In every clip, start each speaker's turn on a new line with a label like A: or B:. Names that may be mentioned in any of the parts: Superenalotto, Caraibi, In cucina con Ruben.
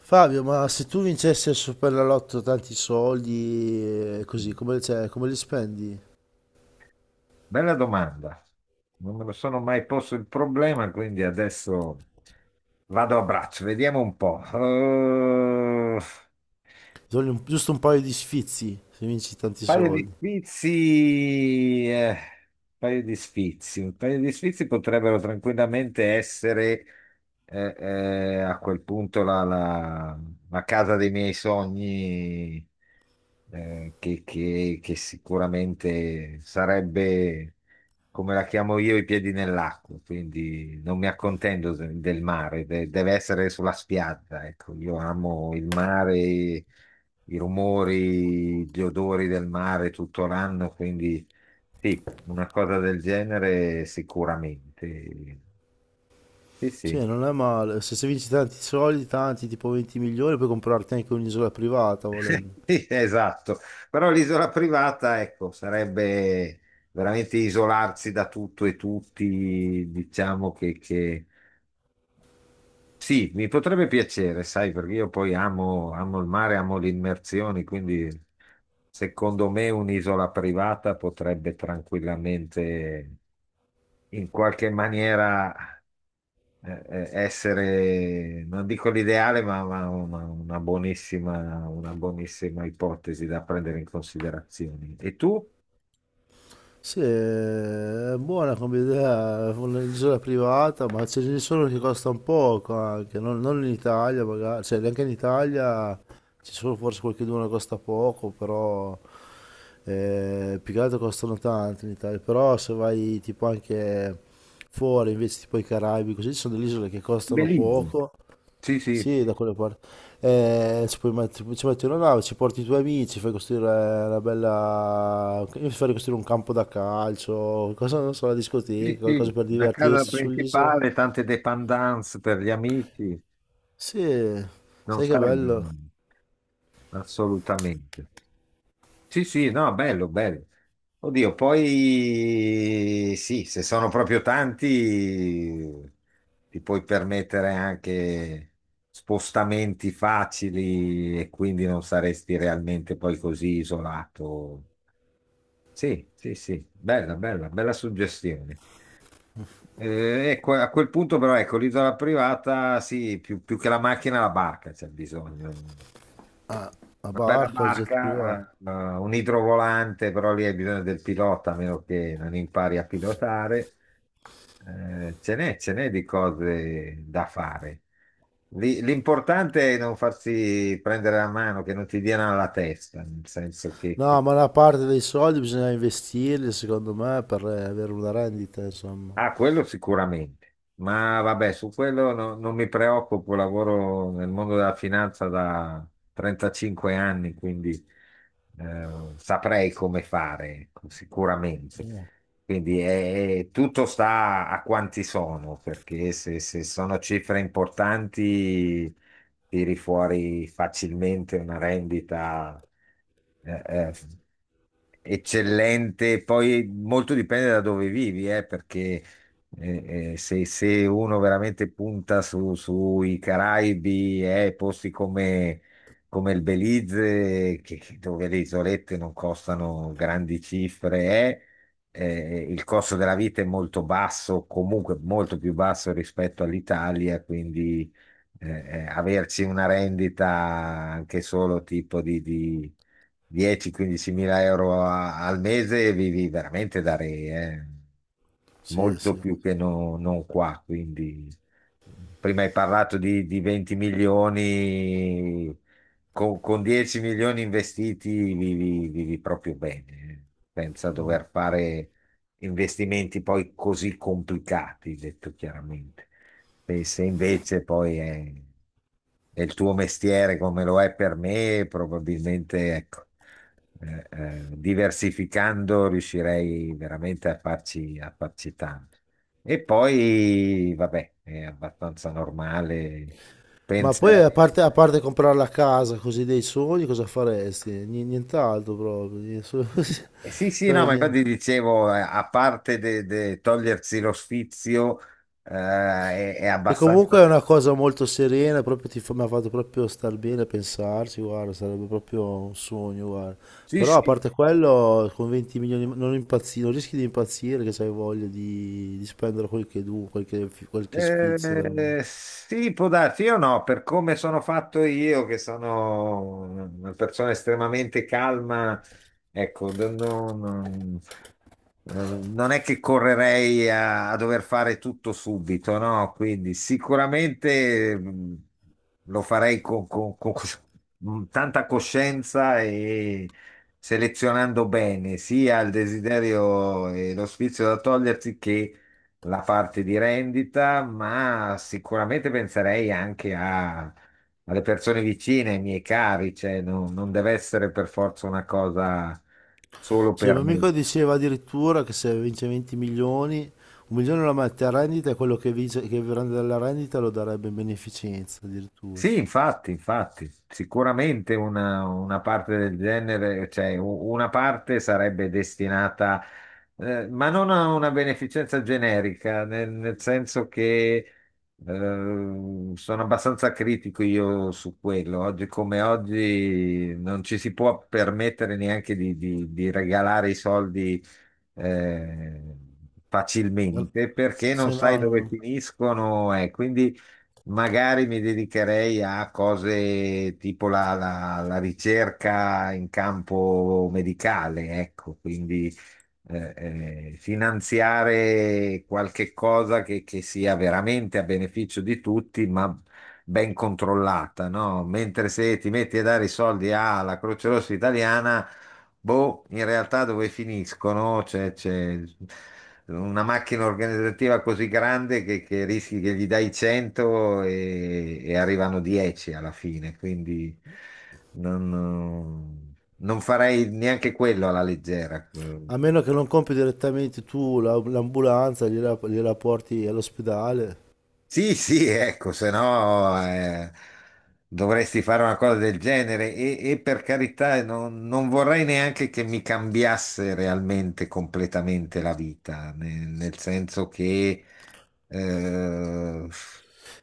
A: Fabio, ma se tu vincessi al Superenalotto tanti soldi, così, come, cioè, come li spendi?
B: Bella domanda. Non me lo sono mai posto il problema, quindi adesso vado a braccio, vediamo un po'.
A: Ti voglio giusto un paio di sfizi se vinci tanti
B: Paio di
A: soldi.
B: sfizi, un paio di sfizi potrebbero tranquillamente essere, a quel punto la casa dei miei sogni, che sicuramente sarebbe, come la chiamo io, i piedi nell'acqua, quindi non mi accontento del mare, deve essere sulla spiaggia, ecco, io amo il mare, i rumori, gli odori del mare tutto l'anno, quindi sì, una cosa del genere sicuramente. Sì, sì.
A: Sì, non è male. Se vinci tanti soldi, tanti, tipo 20 milioni, puoi comprarti anche un'isola privata volendo.
B: Sì, esatto. Però l'isola privata, ecco, sarebbe veramente isolarsi da tutto e tutti, diciamo che. Sì, mi potrebbe piacere, sai, perché io poi amo, amo il mare, amo le immersioni, quindi secondo me un'isola privata potrebbe tranquillamente in qualche maniera essere, non dico l'ideale, ma una buonissima ipotesi da prendere in considerazione. E tu?
A: Sì, è buona come idea, un'isola privata, ma ce ne sono che costano poco anche, non in Italia magari, cioè neanche in Italia. C'è solo forse qualcheduno che costa poco, però più che altro costano tanto in Italia. Però se vai tipo anche fuori, invece tipo i Caraibi, così ci sono delle isole che costano
B: Belize.
A: poco.
B: Sì, sì,
A: Sì, da quelle parti. Ci metti una nave, ci porti i tuoi amici, fai costruire Io farei costruire un campo da calcio, qualcosa, non so, la
B: sì,
A: discoteca, qualcosa
B: sì,
A: per
B: una casa
A: divertirsi sull'isola.
B: principale, tante dépendance per gli amici,
A: Sì,
B: non
A: sai che
B: sarebbe
A: bello?
B: male, assolutamente. Sì, sì, no, bello, bello. Oddio, poi sì, se sono proprio tanti, ti puoi permettere anche spostamenti facili e quindi non saresti realmente poi così isolato. Sì, sì, sì, bella, bella, bella suggestione. Ecco, a quel punto però, ecco, l'isola privata, sì, più, più che la macchina, la barca c'è bisogno.
A: A
B: Una bella
A: barca o il jet privato.
B: barca, un idrovolante, però lì hai bisogno del pilota, a meno che non impari a pilotare. Ce n'è di cose da fare. L'importante è non farsi prendere la mano, che non ti diano alla testa, nel senso che,
A: No,
B: che
A: ma una parte dei soldi bisogna investirli, secondo me, per avere una rendita, insomma.
B: Ah, quello sicuramente, ma vabbè, su quello non mi preoccupo, lavoro nel mondo della finanza da 35 anni, quindi saprei come fare, ecco, sicuramente. Quindi tutto sta a quanti sono, perché se, se sono cifre importanti tiri fuori facilmente una rendita. eh, eh, Eccellente, poi molto dipende da dove vivi, perché se, se uno veramente punta sui Caraibi, posti come, come il Belize, dove le isolette non costano grandi cifre, il costo della vita è molto basso, comunque molto più basso rispetto all'Italia, quindi eh, averci una rendita anche solo tipo di 10-15 mila euro al mese vivi veramente da re, eh.
A: Sì,
B: Molto
A: sì.
B: più che non qua. Quindi, prima hai parlato di 20 milioni, con 10 milioni investiti vivi, vivi proprio bene, eh. Senza dover fare investimenti poi così complicati, detto chiaramente. Se, se invece poi è il tuo mestiere come lo è per me, probabilmente ecco, diversificando riuscirei veramente a farci tanto. E poi, vabbè, è abbastanza normale,
A: Ma poi,
B: penserei.
A: a parte comprare la casa così dei sogni, cosa faresti? Nient'altro proprio.
B: Sì, sì, no,
A: Solo
B: ma
A: niente.
B: infatti dicevo, a parte de togliersi lo sfizio, è
A: E comunque
B: abbastanza...
A: è una cosa molto serena, proprio mi ha fatto proprio star bene a pensarci, guarda, sarebbe proprio un sogno, guarda.
B: Sì,
A: Però a
B: sì.
A: parte quello, con 20 milioni non rischi di impazzire che se hai voglia di spendere quel che du, quel che sfizio veramente.
B: Sì, può darsi, io no, per come sono fatto io, che sono una persona estremamente calma, ecco, non, non è che correrei a, a dover fare tutto subito, no? Quindi sicuramente lo farei con, con tanta coscienza e selezionando bene sia il desiderio e lo sfizio da togliersi che la parte di rendita, ma sicuramente penserei anche alle persone vicine, ai miei cari, cioè non, non deve essere per forza una cosa solo
A: Se un
B: per
A: mio
B: me.
A: amico diceva addirittura che se vince 20 milioni, un milione lo mette a rendita e quello che, vince, che prende dalla rendita lo darebbe in beneficenza addirittura.
B: Sì, infatti, infatti, sicuramente una parte del genere, cioè una parte sarebbe destinata, ma non a una beneficenza generica, nel, nel senso che sono abbastanza critico io su quello. Oggi come oggi non ci si può permettere neanche di, di regalare i soldi, eh,
A: Al-
B: facilmente perché non
A: Se no,
B: sai
A: no.
B: dove
A: No.
B: finiscono, quindi magari mi dedicherei a cose tipo la, la ricerca in campo medicale, ecco, quindi eh, finanziare qualche cosa che sia veramente a beneficio di tutti, ma ben controllata, no? Mentre se ti metti a dare i soldi alla Croce Rossa Italiana, boh, in realtà dove finiscono? C'è una macchina organizzativa così grande che rischi che gli dai 100 e arrivano 10 alla fine, quindi non, non farei neanche quello alla leggera.
A: A meno che non compri direttamente tu l'ambulanza, gliela porti all'ospedale.
B: Sì, sì, ecco, se no dovresti fare una cosa del genere e per carità non, non vorrei neanche che mi cambiasse realmente completamente la vita, nel senso che... eh,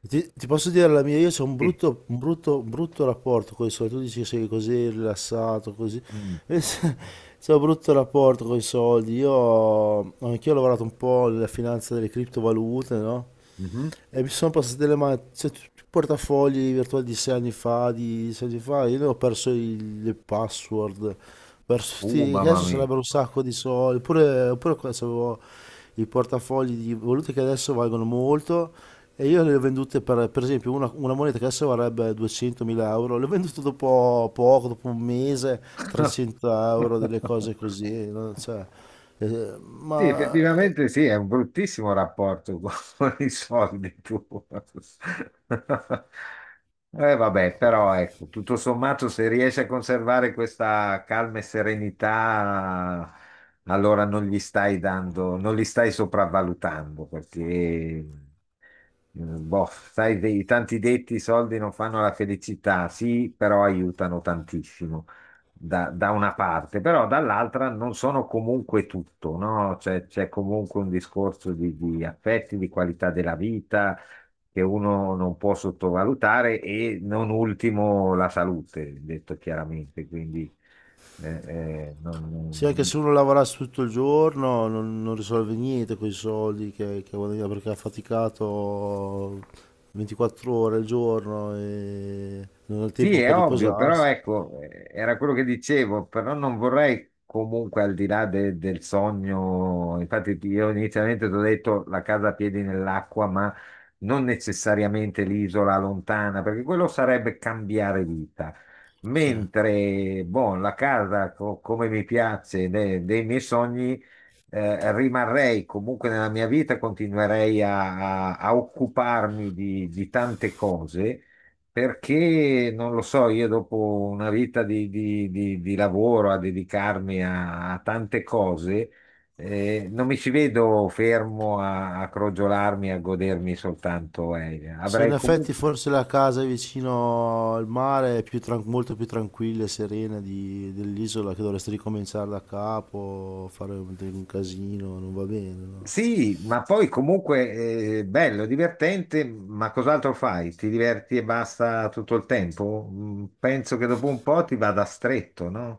A: Ti posso dire la mia, io ho un
B: sì,
A: brutto, un brutto, un brutto rapporto con i soldi. Tu dici che sei così rilassato, così.
B: mm,
A: C'è un brutto rapporto con i soldi. Io anch'io ho lavorato un po' nella finanza delle criptovalute, no?
B: mhm.
A: E mi sono passate le mani, cioè tutti i portafogli virtuali di 6 anni fa, io ne ho perso le password, perso tutti, che
B: Mamma
A: adesso
B: mia.
A: sarebbero un sacco di soldi, oppure qua avevo i portafogli di valute che adesso valgono molto e io le ho vendute per esempio una moneta che adesso varrebbe 200.000 euro, le ho vendute dopo poco, dopo un mese, 300 euro, delle cose così, no? Cioè. eh,
B: Sì,
A: ma
B: effettivamente sì, è un bruttissimo rapporto con con i soldi tu. Vabbè, però ecco, tutto sommato se riesci a conservare questa calma e serenità, allora non gli stai dando, non li stai sopravvalutando perché, boh, sai, dei tanti detti, i soldi non fanno la felicità, sì, però aiutano tantissimo da, da una parte, però dall'altra non sono comunque tutto, no? Cioè, c'è comunque un discorso di affetti, di qualità della vita che uno non può sottovalutare e non ultimo la salute, detto chiaramente, quindi
A: Sì, anche
B: non-
A: se uno lavorasse tutto il giorno non risolve niente con i soldi che guadagna perché ha faticato 24 ore al giorno e non ha il
B: Sì,
A: tempo
B: è
A: per
B: ovvio, però
A: riposarsi.
B: ecco, era quello che dicevo, però non vorrei comunque al di là del sogno, infatti io inizialmente ti ho detto la casa a piedi nell'acqua, ma non necessariamente l'isola lontana, perché quello sarebbe cambiare vita.
A: Sì.
B: Mentre, boh, la casa come mi piace, dei miei sogni, rimarrei comunque nella mia vita, continuerei a, a occuparmi di tante cose perché non lo so, io dopo una vita di, di lavoro a dedicarmi a, a tante cose, non mi ci vedo fermo a, a crogiolarmi, a godermi soltanto Elia.
A: Sì, in
B: Avrei
A: effetti
B: comunque...
A: forse la casa vicino al mare è più molto più tranquilla e serena dell'isola che dovresti ricominciare da capo, fare un casino, non va bene, no?
B: Sì, ma poi comunque bello, divertente, ma cos'altro fai? Ti diverti e basta tutto il tempo? Mm, penso che dopo un po' ti vada stretto, no?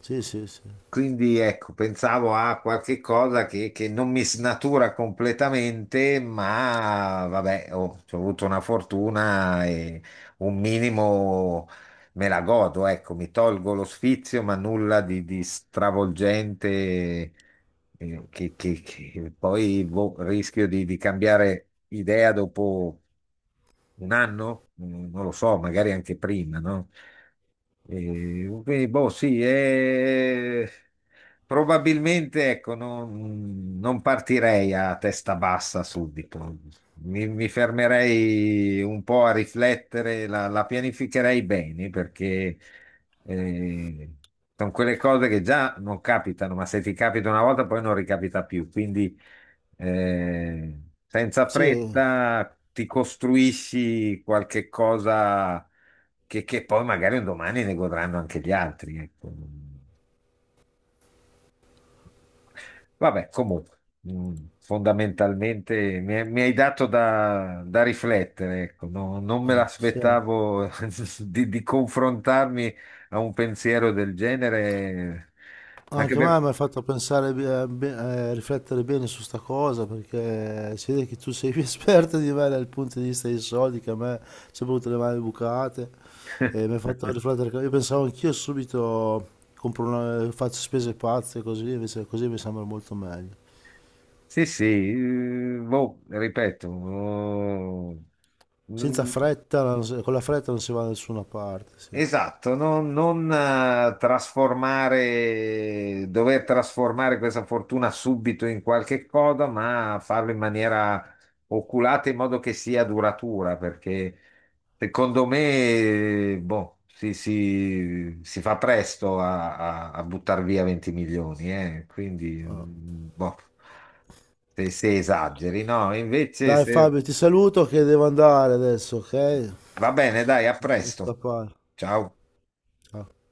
A: Sì, sì, sì.
B: Quindi ecco, pensavo a qualche cosa che non mi snatura completamente, ma vabbè, oh, ho avuto una fortuna e un minimo me la godo, ecco, mi tolgo lo sfizio, ma nulla di stravolgente, che, che poi boh, rischio di cambiare idea dopo un anno. Mm, non lo so, magari anche prima, no? E, quindi, boh, sì, probabilmente, ecco, non, non partirei a testa bassa subito. Mi fermerei un po' a riflettere, la, la pianificherei bene perché eh, sono quelle cose che già non capitano, ma se ti capita una volta poi non ricapita più. Quindi eh, senza
A: Sì,
B: fretta ti costruisci qualche cosa che poi magari un domani ne godranno anche gli altri, ecco. Vabbè, comunque, mm, fondamentalmente mi hai dato da, da riflettere, ecco. Non me
A: ah, sì.
B: l'aspettavo di confrontarmi a un pensiero del genere, anche
A: Anche a me mi
B: perché...
A: hai fatto pensare, riflettere bene su sta cosa perché si vede che tu sei più esperto di me dal punto di vista dei soldi, che a me sono venute le mani bucate e mi hai fatto riflettere. Io pensavo anch'io subito faccio spese pazze così, invece così mi sembra molto meglio.
B: Sì, sì, boh, ripeto, oh,
A: Senza
B: n-
A: fretta, non si- con la fretta non si va da nessuna parte, sì.
B: Esatto, non, non, trasformare, dover trasformare questa fortuna subito in qualche cosa, ma farlo in maniera oculata in modo che sia duratura, perché secondo me, boh, si, si fa presto a, a, buttare via 20 milioni, eh. Quindi,
A: Ah.
B: mm, boh, se se esageri, no? Invece,
A: Dai
B: se...
A: Fabio, ti saluto che devo andare adesso, ok?
B: va bene, dai, a
A: Devo
B: presto.
A: scappare.
B: Ciao.
A: Ciao.